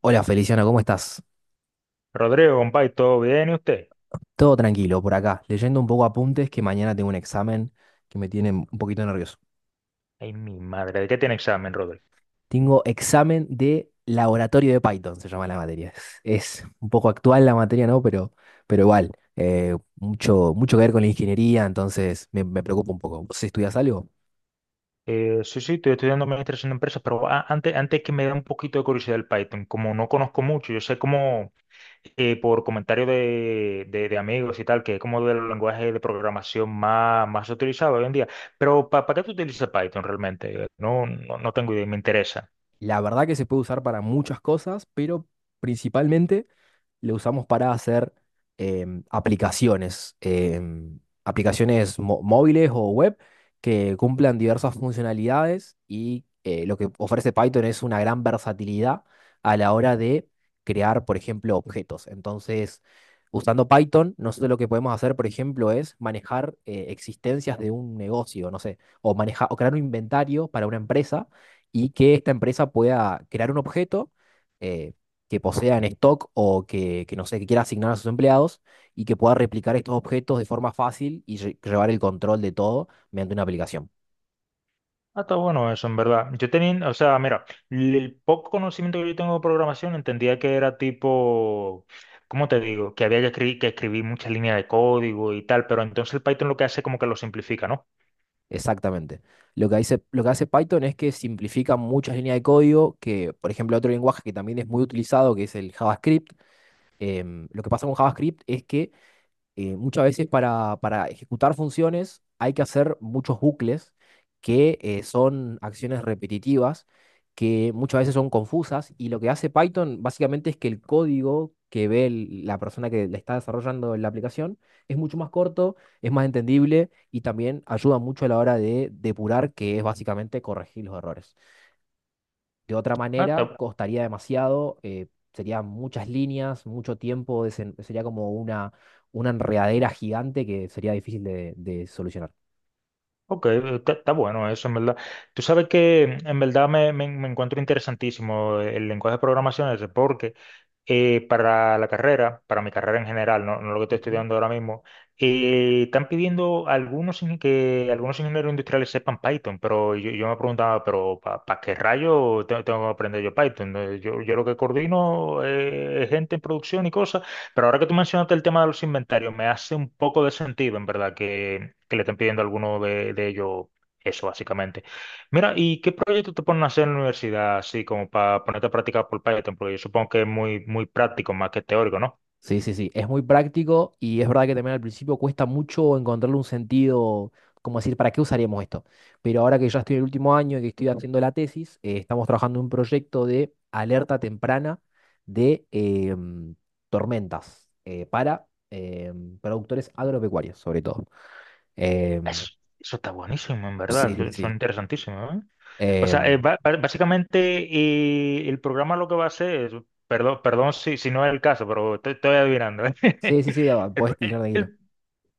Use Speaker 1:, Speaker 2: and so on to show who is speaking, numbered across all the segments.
Speaker 1: Hola Feliciano, ¿cómo estás?
Speaker 2: Rodrigo, compadre, ¿todo bien? ¿Y usted?
Speaker 1: Todo tranquilo por acá, leyendo un poco apuntes que mañana tengo un examen que me tiene un poquito nervioso.
Speaker 2: Ay, mi madre, ¿de qué tiene examen, Rodrigo?
Speaker 1: Tengo examen de laboratorio de Python, se llama la materia. Es un poco actual la materia, ¿no? Pero igual, mucho, mucho que ver con la ingeniería, entonces me preocupa un poco. ¿Vos estudias algo?
Speaker 2: Sí, sí, estoy estudiando administración de empresas, pero antes que me dé un poquito de curiosidad el Python, como no conozco mucho, yo sé como por comentarios de amigos y tal, que es como del lenguaje de programación más utilizado hoy en día, pero ¿para qué tú utilizas Python realmente? No, no, no tengo idea, me interesa.
Speaker 1: La verdad que se puede usar para muchas cosas, pero principalmente lo usamos para hacer aplicaciones móviles o web que cumplan diversas funcionalidades y lo que ofrece Python es una gran versatilidad a la hora de crear, por ejemplo, objetos. Entonces, usando Python, nosotros lo que podemos hacer, por ejemplo, es manejar existencias de un negocio, no sé, o manejar o crear un inventario para una empresa y que esta empresa pueda crear un objeto eh, que posea en stock o que, no sé, que quiera asignar a sus empleados y que pueda replicar estos objetos de forma fácil y llevar el control de todo mediante una aplicación.
Speaker 2: Ah, está bueno eso, en verdad. Yo tenía, o sea, mira, el poco conocimiento que yo tengo de programación entendía que era tipo, ¿cómo te digo? Que había que escribir muchas líneas de código y tal, pero entonces el Python lo que hace es como que lo simplifica, ¿no?
Speaker 1: Exactamente. Lo que hace Python es que simplifica muchas líneas de código que, por ejemplo, otro lenguaje que también es muy utilizado, que es el JavaScript. Lo que pasa con JavaScript es que muchas veces para ejecutar funciones hay que hacer muchos bucles que son acciones repetitivas, que muchas veces son confusas, y lo que hace Python básicamente es que el código que ve la persona que le está desarrollando la aplicación es mucho más corto, es más entendible y también ayuda mucho a la hora de depurar, que es básicamente corregir los errores. De otra
Speaker 2: Ah,
Speaker 1: manera,
Speaker 2: está,
Speaker 1: costaría demasiado, serían muchas líneas, mucho tiempo, sería como una enredadera gigante que sería difícil de solucionar.
Speaker 2: ok, está bueno eso, en verdad. Tú sabes que en verdad me encuentro interesantísimo el lenguaje de programación ese, porque para mi carrera en general, no lo que estoy
Speaker 1: Ujú.
Speaker 2: estudiando ahora mismo, están pidiendo algunos que algunos ingenieros industriales sepan Python, pero yo me preguntaba, pero ¿para qué rayo tengo que aprender yo Python? Yo, yo lo que coordino es gente en producción y cosas, pero ahora que tú mencionaste el tema de los inventarios, me hace un poco de sentido, en verdad, que le estén pidiendo a alguno de ellos eso, básicamente. Mira, ¿y qué proyecto te ponen a hacer en la universidad, así como para ponerte a practicar por Python? Porque yo supongo que es muy práctico más que teórico, ¿no?
Speaker 1: Sí, sí, sí, es muy práctico y es verdad que también al principio cuesta mucho encontrarle un sentido, como decir, ¿para qué usaríamos esto? Pero ahora que ya estoy en el último año y que estoy haciendo la tesis, estamos trabajando en un proyecto de alerta temprana de tormentas para productores agropecuarios, sobre todo. Em,
Speaker 2: Eso, eso está buenísimo, en
Speaker 1: sí,
Speaker 2: verdad.
Speaker 1: sí, sí.
Speaker 2: Son interesantísimos, ¿eh? O sea,
Speaker 1: Em,
Speaker 2: básicamente el programa lo que va a hacer es, perdón, perdón si no es el caso, pero estoy adivinando, ¿eh?
Speaker 1: sí, sí, sí, ah,
Speaker 2: El,
Speaker 1: podés
Speaker 2: pro- el-
Speaker 1: tirar tranquilo.
Speaker 2: el-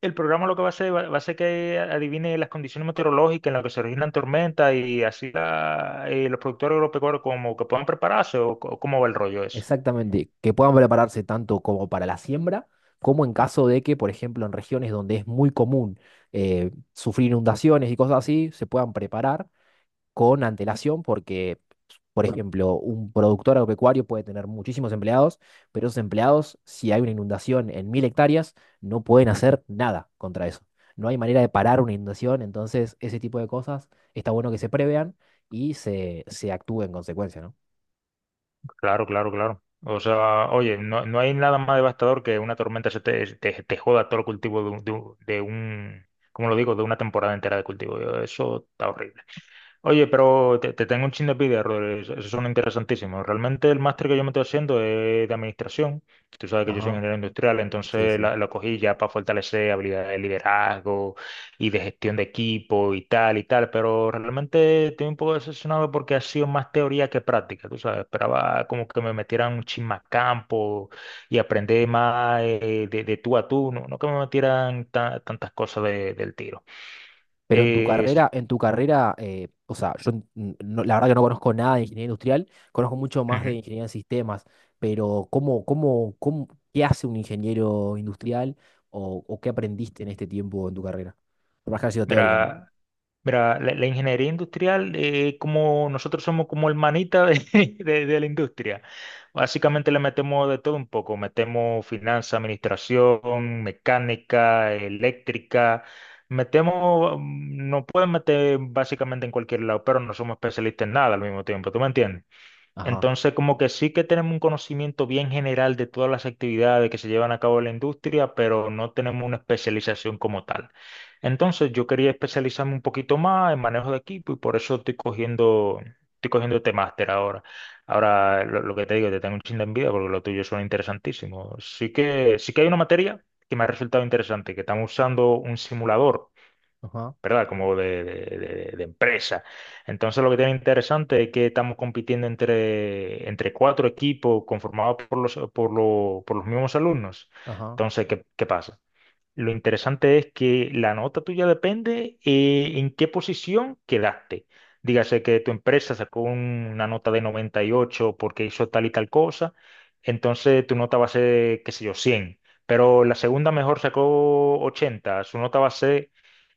Speaker 2: el programa lo que va a hacer va a ser que adivine las condiciones meteorológicas en las que se originan tormentas y así los productores agropecuarios como que puedan prepararse o cómo va el rollo eso.
Speaker 1: Exactamente. Que puedan prepararse tanto como para la siembra, como en caso de que, por ejemplo, en regiones donde es muy común sufrir inundaciones y cosas así, se puedan preparar con antelación porque, por ejemplo, un productor agropecuario puede tener muchísimos empleados, pero esos empleados, si hay una inundación en 1.000 hectáreas, no pueden hacer nada contra eso. No hay manera de parar una inundación, entonces ese tipo de cosas está bueno que se prevean y se actúe en consecuencia, ¿no?
Speaker 2: Claro, claro, claro. O sea, oye, no hay nada más devastador que una tormenta se te joda todo el cultivo ¿cómo lo digo? De una temporada entera de cultivo. Eso está horrible. Oye, pero te tengo un chin de envidia, Rodri. Esos son interesantísimos. Realmente el máster que yo me estoy haciendo es de administración. Tú sabes que yo soy
Speaker 1: Ajá,
Speaker 2: ingeniero industrial,
Speaker 1: sí,
Speaker 2: entonces
Speaker 1: sí.
Speaker 2: lo cogí ya para fortalecer habilidades de liderazgo y de gestión de equipo y tal y tal. Pero realmente estoy un poco decepcionado porque ha sido más teoría que práctica. Tú sabes, esperaba como que me metieran un chin más campo y aprender más de tú a tú, no que me metieran tantas cosas del tiro.
Speaker 1: Pero en tu
Speaker 2: Sí.
Speaker 1: carrera, en tu carrera, o sea, yo n- no- la verdad que no conozco nada de ingeniería industrial, conozco mucho más de
Speaker 2: Ujú.
Speaker 1: ingeniería en sistemas, pero ¿cómo, qué hace un ingeniero industrial o qué aprendiste en este tiempo en tu carrera? Por más que haya sido teórico, ¿no?
Speaker 2: Mira. Mira, la ingeniería industrial, como nosotros somos como el manita de, de la industria, básicamente le metemos de todo un poco, metemos finanzas, administración, mecánica, eléctrica, metemos, nos pueden meter básicamente en cualquier lado, pero no somos especialistas en nada al mismo tiempo, ¿tú me entiendes?
Speaker 1: Ajá,
Speaker 2: Entonces, como que sí que tenemos un conocimiento bien general de todas las actividades que se llevan a cabo en la industria, pero no tenemos una especialización como tal. Entonces, yo quería especializarme un poquito más en manejo de equipo y por eso estoy cogiendo este máster ahora. Ahora, lo que te digo, te tengo un chin de envidia porque lo tuyo suena interesantísimo. Sí que hay una materia que me ha resultado interesante, que estamos usando un simulador,
Speaker 1: ajá,
Speaker 2: ¿verdad? Como de empresa. Entonces lo que tiene interesante es que estamos compitiendo entre cuatro equipos conformados por los mismos alumnos.
Speaker 1: ajá.
Speaker 2: Entonces, ¿qué pasa? Lo interesante es que la nota tuya depende, en qué posición quedaste. Dígase que tu empresa sacó una nota de 98 porque hizo tal y tal cosa, entonces tu nota va a ser, qué sé yo, 100. Pero la segunda mejor sacó 80, su nota va a ser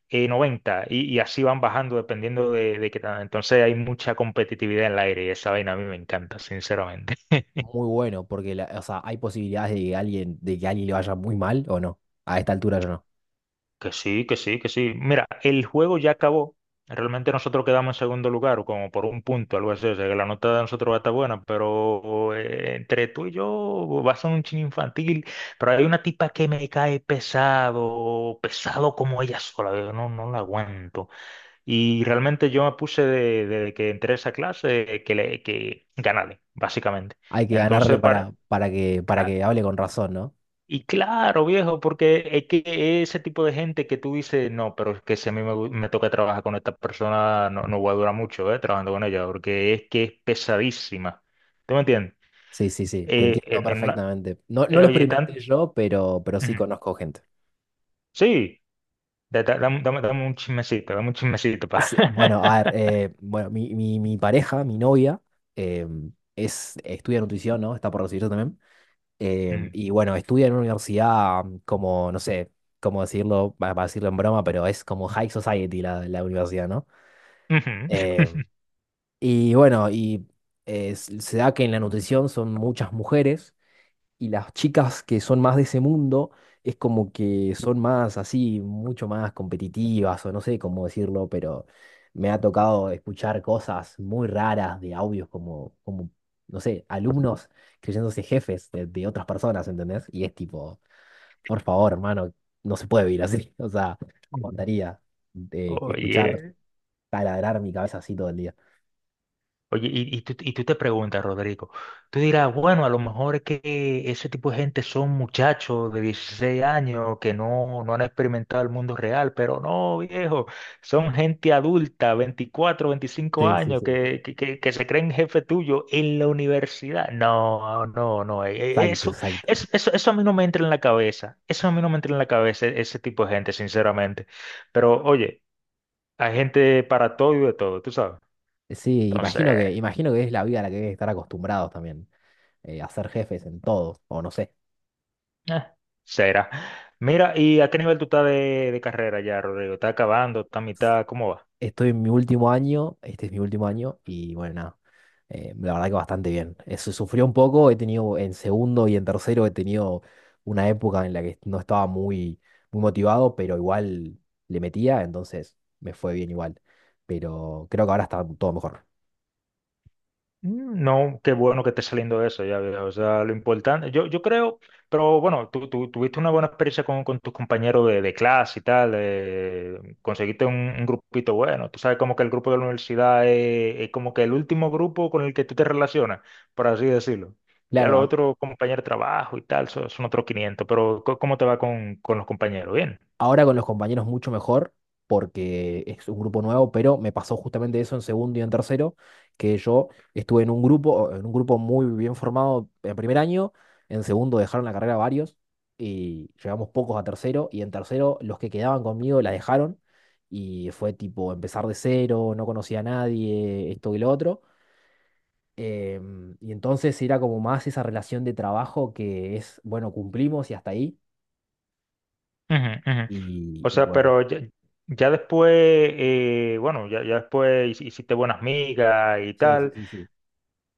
Speaker 2: 90 y así van bajando dependiendo de qué tal. Entonces hay mucha competitividad en el aire y esa vaina a mí me encanta, sinceramente.
Speaker 1: Muy bueno, porque o sea, hay posibilidades de que alguien, de que a alguien le vaya muy mal o no. A esta altura ya no.
Speaker 2: Que sí, que sí, que sí. Mira, el juego ya acabó. Realmente nosotros quedamos en segundo lugar, o como por un punto, algo así. O sea, que la nota de nosotros va a estar buena, pero entre tú y yo va a ser un chin infantil. Pero hay una tipa que me cae pesado, pesado como ella sola. Yo no la aguanto. Y realmente yo me puse de que entré a esa clase que ganarle, básicamente.
Speaker 1: Hay que ganarle
Speaker 2: Entonces,
Speaker 1: para, para que, para
Speaker 2: cla-
Speaker 1: que hable con razón, ¿no?
Speaker 2: y claro, viejo, porque es que ese tipo de gente que tú dices, no, pero es que si a mí me toca trabajar con esta persona, no voy a durar mucho trabajando con ella, porque es que es pesadísima. ¿Tú me entiendes?
Speaker 1: Sí, sí, sí, te
Speaker 2: Eh,
Speaker 1: entiendo
Speaker 2: en, en una,
Speaker 1: perfectamente. No lo
Speaker 2: oye, tan.
Speaker 1: experimenté yo, pero, sí
Speaker 2: Ujú.
Speaker 1: conozco gente.
Speaker 2: Sí, dame un chismecito, dame un chismecito. Pa.
Speaker 1: Bueno, a ver, bueno, mi pareja, mi novia, eh, estudia nutrición, ¿no? Está por recibirse también. Y bueno, estudia en una universidad como, no sé, cómo decirlo, para decirlo en broma, pero es como high society la universidad, ¿no?
Speaker 2: Ujú.
Speaker 1: Eh, y bueno, y se da que en la nutrición son muchas mujeres y las chicas que son más de ese mundo es como que son más así, mucho más competitivas o no sé cómo decirlo, pero me ha tocado escuchar cosas muy raras de audios como no sé, alumnos creyéndose jefes de otras personas, ¿entendés? Y es tipo, por favor, hermano, no se puede vivir así. O sea, no
Speaker 2: Ujú.
Speaker 1: aguantaría de escuchar
Speaker 2: Oye.
Speaker 1: taladrar mi cabeza así todo el día.
Speaker 2: Oye, y tú te preguntas, Rodrigo, tú dirás, bueno, a lo mejor es que ese tipo de gente son muchachos de 16 años que no han experimentado el mundo real, pero no, viejo, son gente adulta, veinticuatro, veinticinco
Speaker 1: Sí, sí,
Speaker 2: años,
Speaker 1: sí.
Speaker 2: que se creen jefe tuyo en la universidad. No, no, no,
Speaker 1: Exacto,
Speaker 2: eso,
Speaker 1: exacto.
Speaker 2: eso, eso, eso a mí no me entra en la cabeza, eso a mí no me entra en la cabeza, ese tipo de gente, sinceramente. Pero oye, hay gente para todo y de todo, tú sabes.
Speaker 1: Sí,
Speaker 2: Entonces...
Speaker 1: imagino que es la vida a la que hay que estar acostumbrados también. A ser jefes en todos, o no sé.
Speaker 2: Eh, será. Mira, ¿y a qué nivel tú estás de carrera ya, Rodrigo? ¿Estás acabando? ¿Estás a mitad? ¿Cómo va?
Speaker 1: Estoy en mi último año, este es mi último año, y bueno, nada, la verdad que bastante bien. Eso sufrió un poco, he tenido en segundo y en tercero, he tenido una época en la que no estaba muy, muy motivado, pero igual le metía, entonces me fue bien igual. Pero creo que ahora está todo mejor.
Speaker 2: No, qué bueno que esté saliendo eso, ya veo. O sea, lo importante, yo creo, pero bueno, tú tuviste una buena experiencia con tus compañeros de clase y tal, conseguiste un grupito bueno. Tú sabes como que el grupo de la universidad es como que el último grupo con el que tú te relacionas, por así decirlo. Ya
Speaker 1: Claro,
Speaker 2: los otros compañeros de trabajo y tal son otros 500, pero ¿cómo te va con los compañeros? Bien.
Speaker 1: ahora con los compañeros mucho mejor, porque es un grupo nuevo, pero me pasó justamente eso en segundo y en tercero, que yo estuve en un grupo muy bien formado en primer año, en segundo dejaron la carrera varios y llegamos pocos a tercero, y en tercero los que quedaban conmigo la dejaron y fue tipo empezar de cero, no conocía a nadie, esto y lo otro. Y entonces era como más esa relación de trabajo que es, bueno, cumplimos y hasta ahí.
Speaker 2: Ujú, ujú.
Speaker 1: y
Speaker 2: O
Speaker 1: y
Speaker 2: sea,
Speaker 1: bueno.
Speaker 2: pero ya, bueno, ya después hiciste buenas migas y
Speaker 1: Sí, sí,
Speaker 2: tal.
Speaker 1: sí, sí.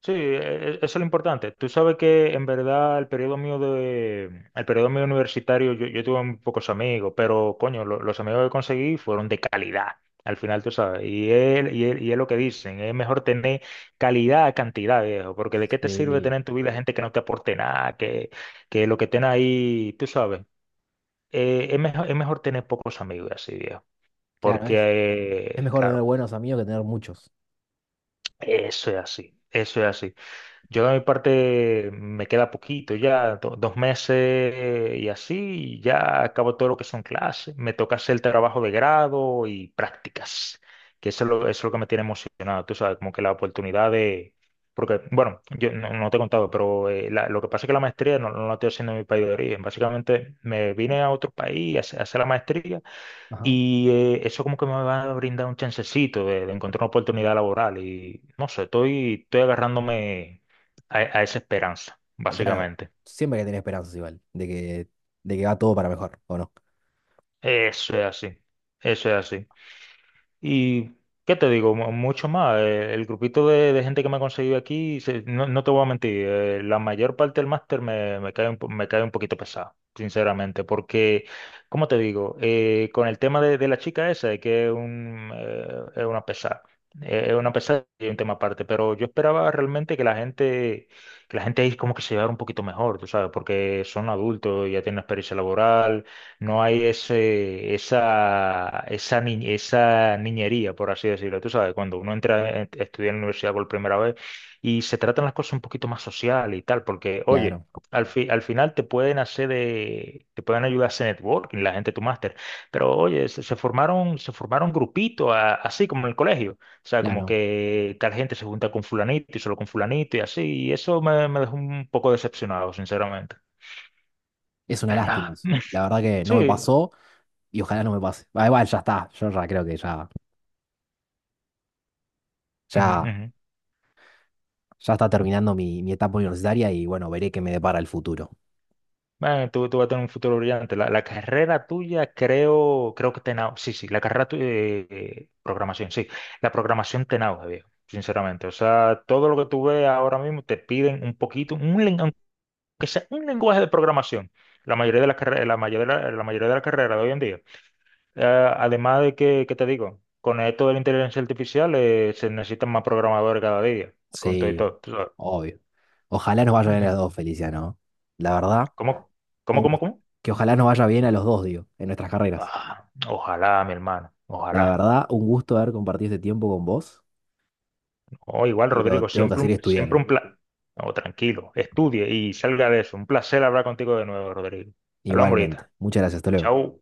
Speaker 2: Sí, eso es lo importante. Tú sabes que en verdad el periodo mío universitario, yo tuve muy pocos amigos, pero coño, los amigos que conseguí fueron de calidad. Al final, tú sabes, y él, y es lo que dicen, es mejor tener calidad a cantidad, viejo, porque de qué te sirve
Speaker 1: Sí,
Speaker 2: tener en tu vida gente que no te aporte nada, que lo que estén ahí, tú sabes, es mejor tener pocos amigos así, viejo.
Speaker 1: claro, es,
Speaker 2: Porque,
Speaker 1: es mejor
Speaker 2: claro,
Speaker 1: tener buenos amigos que tener muchos.
Speaker 2: eso es así, eso es así. Yo de mi parte me queda poquito ya, 2 meses y así, y ya acabo todo lo que son clases. Me toca hacer el trabajo de grado y prácticas, que eso es lo que me tiene emocionado, tú sabes, como que la oportunidad de... Porque, bueno, yo no te he contado, pero lo que pasa es que la maestría no la estoy haciendo en mi país de origen. Básicamente me vine a otro país a hacer la maestría
Speaker 1: Ajá.
Speaker 2: y eso como que me va a brindar un chancecito de encontrar una oportunidad laboral y no sé, estoy agarrándome a esa esperanza,
Speaker 1: Pero claro,
Speaker 2: básicamente.
Speaker 1: siempre hay que tener esperanzas igual, de que va todo para mejor, ¿o no?
Speaker 2: Eso es así, eso es así. Y, ¿qué te digo? Mucho más. El grupito de gente que me ha conseguido aquí, no te voy a mentir, la mayor parte del máster me cae un poquito pesado, sinceramente, porque, ¿cómo te digo? Con el tema de la chica esa, de que es, un, es una pesada. Es una pesada y un tema aparte, pero yo esperaba realmente que la gente ahí como que se llevara un poquito mejor, tú sabes, porque son adultos, ya tienen experiencia laboral, no hay ese, esa, ni- esa niñería, por así decirlo. Tú sabes, cuando uno entra a estudiar en la universidad por primera vez y se tratan las cosas un poquito más social y tal, porque, oye,
Speaker 1: Claro,
Speaker 2: al final te pueden ayudar a hacer networking, la gente de tu máster, pero, oye, se formaron grupitos, así como en el colegio. O sea, como
Speaker 1: claro.
Speaker 2: que tal gente se junta con fulanito y solo con fulanito y así, y eso me dejó un poco decepcionado, sinceramente.
Speaker 1: Es una
Speaker 2: Pero
Speaker 1: lástima,
Speaker 2: nada.
Speaker 1: eso. La verdad que no me
Speaker 2: Sí.
Speaker 1: pasó y ojalá no me pase. Ah, igual ya está, yo ya creo que
Speaker 2: Ujú,
Speaker 1: ya,
Speaker 2: ujú.
Speaker 1: ya está terminando mi etapa universitaria y bueno, veré qué me depara el futuro.
Speaker 2: Bueno, tú vas a tener un futuro brillante. La carrera tuya, creo que sí, sí, la carrera tuya, programación, sí. La programación te nauja, viejo, sinceramente. O sea, todo lo que tú ves ahora mismo te piden un poquito, aunque sea un lenguaje de programación. La mayoría, la mayoría, de las carreras de hoy en día. Eh, Además de que, ¿qué te digo? Con esto de la inteligencia artificial, se necesitan más programadores cada día, con todo y
Speaker 1: Sí,
Speaker 2: todo. Tú sabes.
Speaker 1: obvio. Ojalá nos vaya bien a
Speaker 2: Ujú.
Speaker 1: los dos, Felicia, ¿no? La verdad,
Speaker 2: ¿Cómo? ¿Cómo,
Speaker 1: un
Speaker 2: cómo,
Speaker 1: gust-
Speaker 2: cómo?
Speaker 1: que ojalá nos vaya bien a los dos, digo, en nuestras carreras.
Speaker 2: Ah, ojalá, mi hermano,
Speaker 1: La
Speaker 2: ojalá.
Speaker 1: verdad, un gusto haber compartido este tiempo con vos,
Speaker 2: Oh, igual,
Speaker 1: pero
Speaker 2: Rodrigo,
Speaker 1: tengo que
Speaker 2: siempre
Speaker 1: seguir
Speaker 2: siempre un
Speaker 1: estudiando.
Speaker 2: placer. No, tranquilo, estudie y salga de eso. Un placer hablar contigo de nuevo, Rodrigo. Hablamos ahorita.
Speaker 1: Igualmente. Muchas gracias, hasta luego.
Speaker 2: Chao.